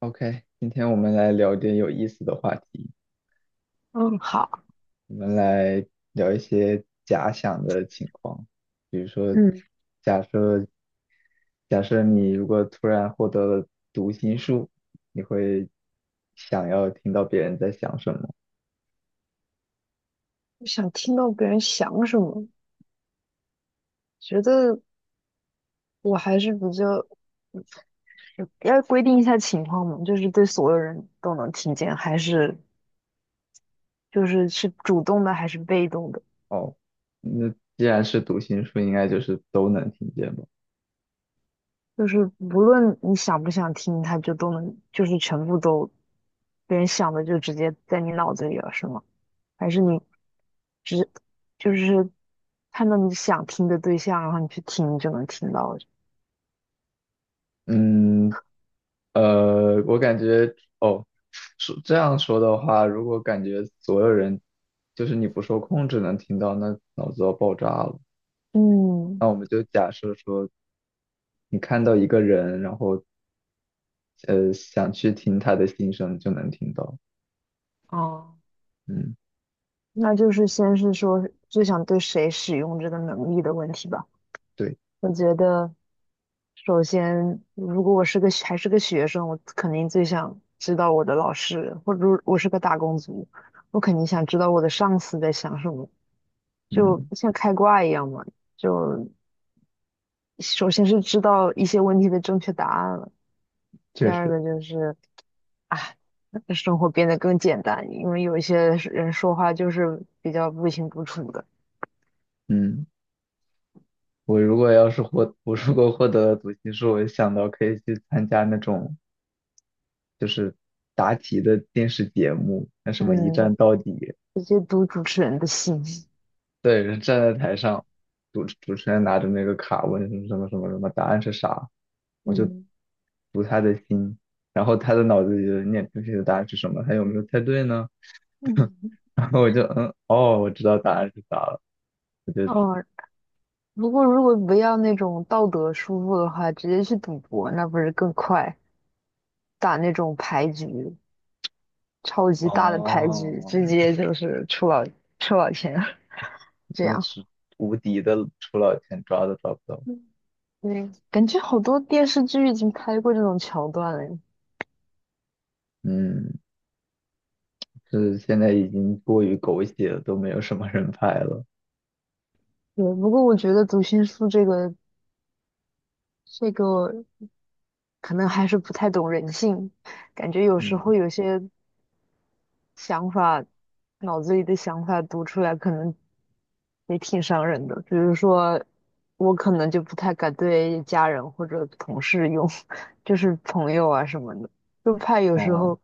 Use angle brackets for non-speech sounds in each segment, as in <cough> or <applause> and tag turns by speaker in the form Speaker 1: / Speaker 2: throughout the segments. Speaker 1: OK，今天我们来聊点有意思的话题，
Speaker 2: 嗯，好，
Speaker 1: 我们来聊一些假想的情况，比如说，
Speaker 2: 嗯，
Speaker 1: 假设假设你如果突然获得了读心术，你会想要听到别人在想什么？
Speaker 2: 我想听到别人想什么，觉得我还是比较要规定一下情况嘛，就是对所有人都能听见，还是就是是主动的还是被动的，
Speaker 1: 哦，那既然是读心术，应该就是都能听见吧？
Speaker 2: 就是无论你想不想听，他就都能，就是全部都别人想的就直接在你脑子里了，是吗？还是你只就是看到你想听的对象，然后你去听就能听到？
Speaker 1: 嗯，我感觉哦，说这样说的话，如果感觉所有人就是你不受控制能听到，那脑子要爆炸了。
Speaker 2: 嗯，
Speaker 1: 那我们就假设说，你看到一个人，然后想去听他的心声，就能听到。
Speaker 2: 哦。
Speaker 1: 嗯，
Speaker 2: 那就是先是说最想对谁使用这个能力的问题吧。
Speaker 1: 对，
Speaker 2: 我觉得，首先，如果我是个还是个学生，我肯定最想知道我的老师，或者说我是个打工族，我肯定想知道我的上司在想什么，就
Speaker 1: 嗯，
Speaker 2: 像开挂一样嘛。就首先是知道一些问题的正确答案了，第
Speaker 1: 确
Speaker 2: 二
Speaker 1: 实，
Speaker 2: 个就是啊，生活变得更简单，因为有一些人说话就是比较不清不楚的。
Speaker 1: 嗯，我如果获得了读心术，我想到可以去参加那种就是答题的电视节目，那什么一
Speaker 2: 嗯，
Speaker 1: 站到底。
Speaker 2: 直接读主持人的心。
Speaker 1: 对，人站在台上，主持人拿着那个卡问什么什么什么什么，答案是啥，我就
Speaker 2: 嗯
Speaker 1: 读他的心，然后他的脑子里就念出去的答案是什么，他有没有猜对呢？
Speaker 2: 嗯，
Speaker 1: <laughs> 然后我就嗯，哦，我知道答案是啥了，我就
Speaker 2: 哦，如果不要那种道德束缚的话，直接去赌博，那不是更快？打那种牌局，超级大的牌局，
Speaker 1: 哦，
Speaker 2: 直接就是出老千，<laughs> 这
Speaker 1: 那
Speaker 2: 样。
Speaker 1: 是无敌的出老千，抓都抓不到。
Speaker 2: 嗯对，感觉好多电视剧已经拍过这种桥段了。
Speaker 1: 嗯，是现在已经过于狗血了，都没有什么人拍了。
Speaker 2: 对，不过我觉得读心术这个这个可能还是不太懂人性，感觉有时
Speaker 1: 嗯，
Speaker 2: 候有些想法，脑子里的想法读出来，可能也挺伤人的。比如说，我可能就不太敢对家人或者同事用，<laughs> 就是朋友啊什么的，就怕有时
Speaker 1: 哦，
Speaker 2: 候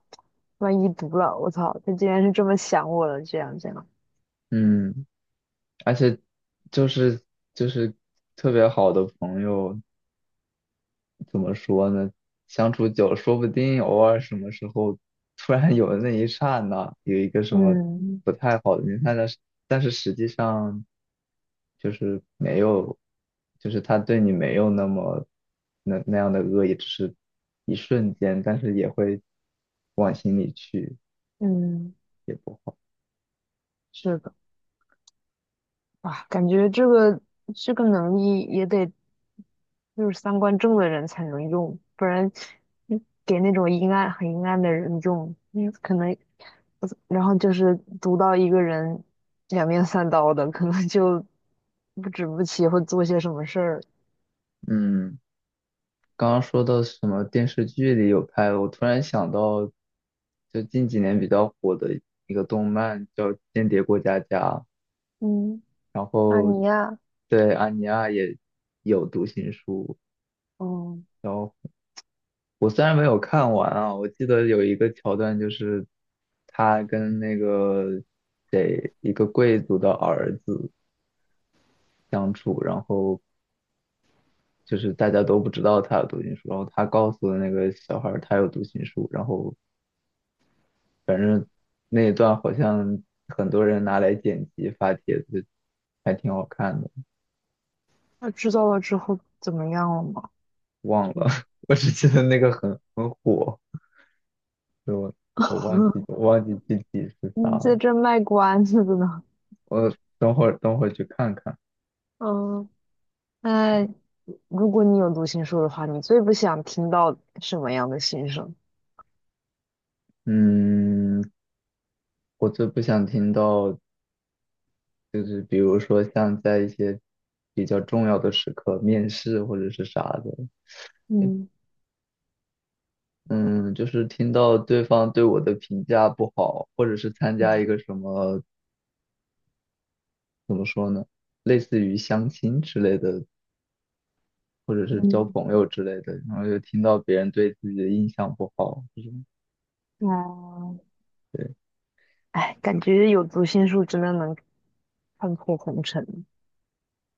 Speaker 2: 万一读了，我操，他竟然是这么想我了，这样这样。
Speaker 1: 嗯，而且就是就是特别好的朋友。怎么说呢？相处久了，说不定偶尔什么时候突然有那一刹那有一个什么
Speaker 2: 嗯
Speaker 1: 不太好的念头，但是实际上就是没有，就是他对你没有那么那样的恶意，只是一瞬间，但是也会往心里去，
Speaker 2: 嗯，
Speaker 1: 也不好。
Speaker 2: 是的，啊，感觉这个能力也得就是三观正的人才能用，不然嗯给那种阴暗的人用，嗯，可能。然后就是读到一个人两面三刀的，可能就不止不起会做些什么事儿。
Speaker 1: 嗯，刚刚说到什么电视剧里有拍的，我突然想到，就近几年比较火的一个动漫叫《间谍过家家》。
Speaker 2: 嗯，
Speaker 1: 然
Speaker 2: 那
Speaker 1: 后
Speaker 2: 你呀，
Speaker 1: 对安妮亚也有读心术，
Speaker 2: 嗯，
Speaker 1: 然后我虽然没有看完啊，我记得有一个桥段就是他跟那个谁一个贵族的儿子相处，然后就是大家都不知道他有读心术，然后他告诉那个小孩儿他有读心术，然后那一段好像很多人拿来剪辑发帖子，还挺好看的，
Speaker 2: 那知道了之后怎么样了吗？
Speaker 1: 忘了，
Speaker 2: 嗯
Speaker 1: <laughs> 我只记得那个很火。我我忘记
Speaker 2: <laughs>
Speaker 1: 我忘记具体是啥
Speaker 2: 你在
Speaker 1: 了，
Speaker 2: 这卖关子的呢。
Speaker 1: 我等会儿去看看。
Speaker 2: 嗯，那如果你有读心术的话，你最不想听到什么样的心声？
Speaker 1: 嗯，我最不想听到就是比如说像在一些比较重要的时刻，面试或者是啥的，
Speaker 2: 嗯
Speaker 1: 嗯，就是听到对方对我的评价不好，或者是参加
Speaker 2: 嗯
Speaker 1: 一个什么怎么说呢，类似于相亲之类的，或者是交
Speaker 2: 嗯，
Speaker 1: 朋友之类的，然后又听到别人对自己的印象不好，这种
Speaker 2: 啊，
Speaker 1: 对，
Speaker 2: 哎，感觉有读心术真的能看破红尘。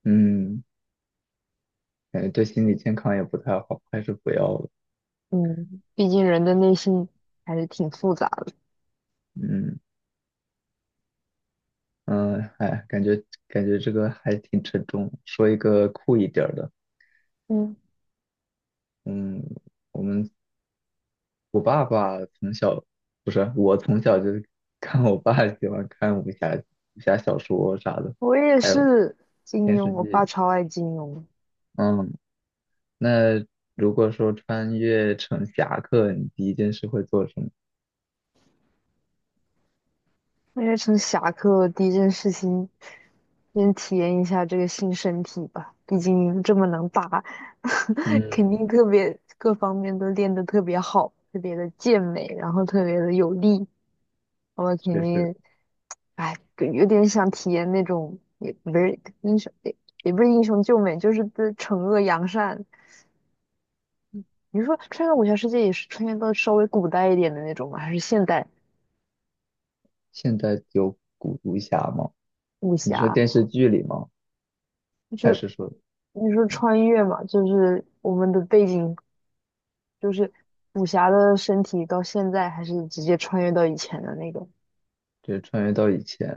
Speaker 1: 嗯。感觉对心理健康也不太好，还是不要了。
Speaker 2: 嗯，毕竟人的内心还是挺复杂的。
Speaker 1: 嗯嗯，哎，感觉这个还挺沉重。说一个酷一点儿的，
Speaker 2: 嗯，
Speaker 1: 嗯，我们我爸爸从小不是我从小就 <laughs> 看我爸喜欢看武侠小说啥的，
Speaker 2: 我也
Speaker 1: 还有
Speaker 2: 是金
Speaker 1: 电
Speaker 2: 庸，
Speaker 1: 视
Speaker 2: 我爸
Speaker 1: 剧。
Speaker 2: 超爱金庸，
Speaker 1: 嗯，那如果说穿越成侠客，你第一件事会做什么？
Speaker 2: 我也从侠客第一件事情，先体验一下这个新身体吧。毕竟这么能打，<laughs> 肯
Speaker 1: 嗯，
Speaker 2: 定特别各方面都练得特别好，特别的健美，然后特别的有力。我肯
Speaker 1: 确实，
Speaker 2: 定，哎，有点想体验那种，也不是英雄，也不是英雄救美，就是对惩恶扬善，你是说穿越武侠世界也是穿越到稍微古代一点的那种吗？还是现代
Speaker 1: 现在有古武侠吗？
Speaker 2: 武
Speaker 1: 你说
Speaker 2: 侠？
Speaker 1: 电视剧里吗？还
Speaker 2: 就
Speaker 1: 是说？
Speaker 2: 你说穿越嘛，就是我们的背景就是武侠的身体到现在，还是直接穿越到以前的那个
Speaker 1: 对，穿越到以前，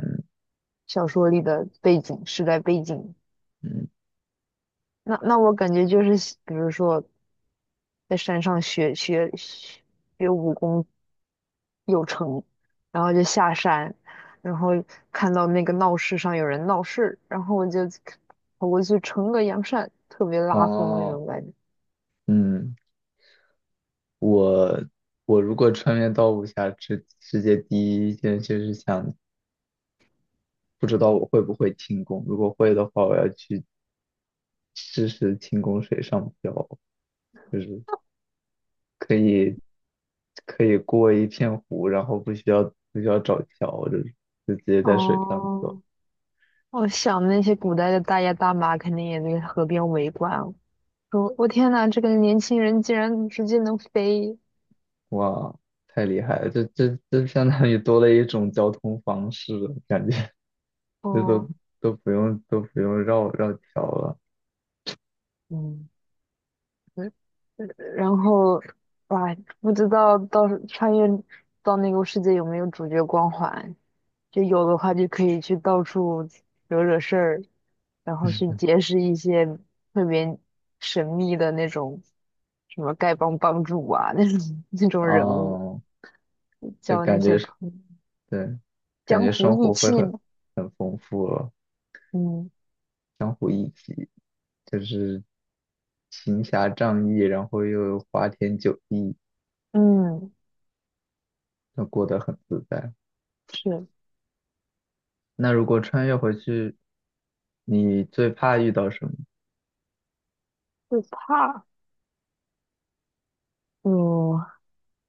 Speaker 2: 小说里的背景时代背景？
Speaker 1: 嗯，
Speaker 2: 那那我感觉就是，比如说在山上学武功有城，然后就下山，然后看到那个闹市上有人闹事，然后我就跑过去撑个阳伞，特别拉风那
Speaker 1: 哦，
Speaker 2: 种感觉。
Speaker 1: 嗯，我我如果穿越到武侠世界第一件事是想，不知道我会不会轻功，如果会的话，我要去试试轻功水上漂，就是可以可以过一片湖，然后不需要找桥，就是就直接在水上走，
Speaker 2: 哦，我想那些古代的大爷大妈肯定也在河边围观了，说我天呐，这个年轻人竟然直接能飞，
Speaker 1: 哇，太厉害了，这相当于多了一种交通方式了，感觉。这
Speaker 2: 哦，
Speaker 1: 都都不用都不用绕桥了。
Speaker 2: 嗯，嗯然后哇，不知道到时穿越到那个世界有没有主角光环。就有的话就可以去到处惹惹事儿，然后去结识一些特别神秘的那种什么丐帮帮主啊，<laughs> 那种人物，
Speaker 1: 哦，就
Speaker 2: 交那
Speaker 1: 感
Speaker 2: 些
Speaker 1: 觉是
Speaker 2: 朋友
Speaker 1: 对，感
Speaker 2: 江
Speaker 1: 觉生
Speaker 2: 湖义
Speaker 1: 活会
Speaker 2: 气
Speaker 1: 很
Speaker 2: 嘛。
Speaker 1: 很丰富了，
Speaker 2: 嗯
Speaker 1: 相互一体，就是行侠仗义，然后又花天酒地，
Speaker 2: 嗯，
Speaker 1: 那过得很自在。
Speaker 2: 是
Speaker 1: 那如果穿越回去，你最怕遇到什么？
Speaker 2: 会怕。嗯，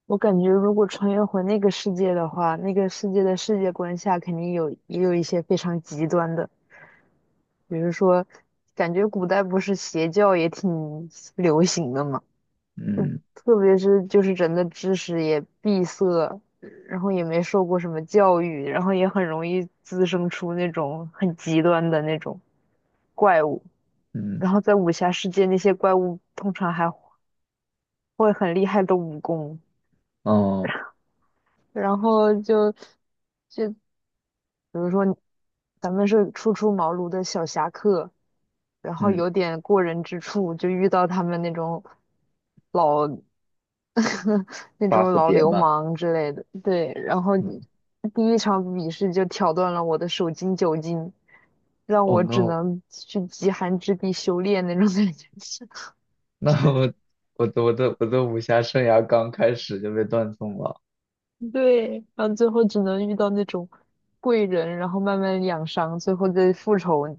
Speaker 2: 我感觉如果穿越回那个世界的话，那个世界的世界观下肯定有也有一些非常极端的，比如说，感觉古代不是邪教也挺流行的吗？
Speaker 1: 嗯
Speaker 2: 特别是就是人的知识也闭塞，然后也没受过什么教育，然后也很容易滋生出那种很极端的那种怪物。
Speaker 1: 嗯
Speaker 2: 然后在武侠世界，那些怪物通常还会很厉害的武功，
Speaker 1: 哦
Speaker 2: 然后就比如说咱们是初出茅庐的小侠客，然后
Speaker 1: 嗯
Speaker 2: 有点过人之处，就遇到他们那种。老。<laughs> 那
Speaker 1: ，buff
Speaker 2: 种老
Speaker 1: 叠
Speaker 2: 流
Speaker 1: 满，
Speaker 2: 氓之类的。对，然后
Speaker 1: 嗯
Speaker 2: 第一场比试就挑断了我的手筋脚筋，让
Speaker 1: 哦 h
Speaker 2: 我只
Speaker 1: no，
Speaker 2: 能去极寒之地修炼那种感觉。<laughs> 是，
Speaker 1: <laughs> 那我的武侠生涯刚开始就被断送了。
Speaker 2: 对，然后最后只能遇到那种贵人，然后慢慢养伤，最后再复仇。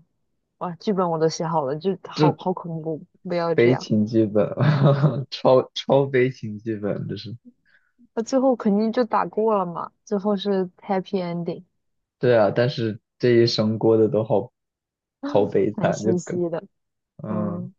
Speaker 2: 哇，剧本我都写好了，就好恐怖，不要这
Speaker 1: 悲
Speaker 2: 样。
Speaker 1: 情剧本，<laughs> 超悲情剧本，
Speaker 2: 那最后肯定就打过了嘛，最后是 happy ending，
Speaker 1: 对啊，但是这一生过得都好悲
Speaker 2: 蛮
Speaker 1: 惨，
Speaker 2: 欣喜的。
Speaker 1: 嗯。
Speaker 2: 嗯。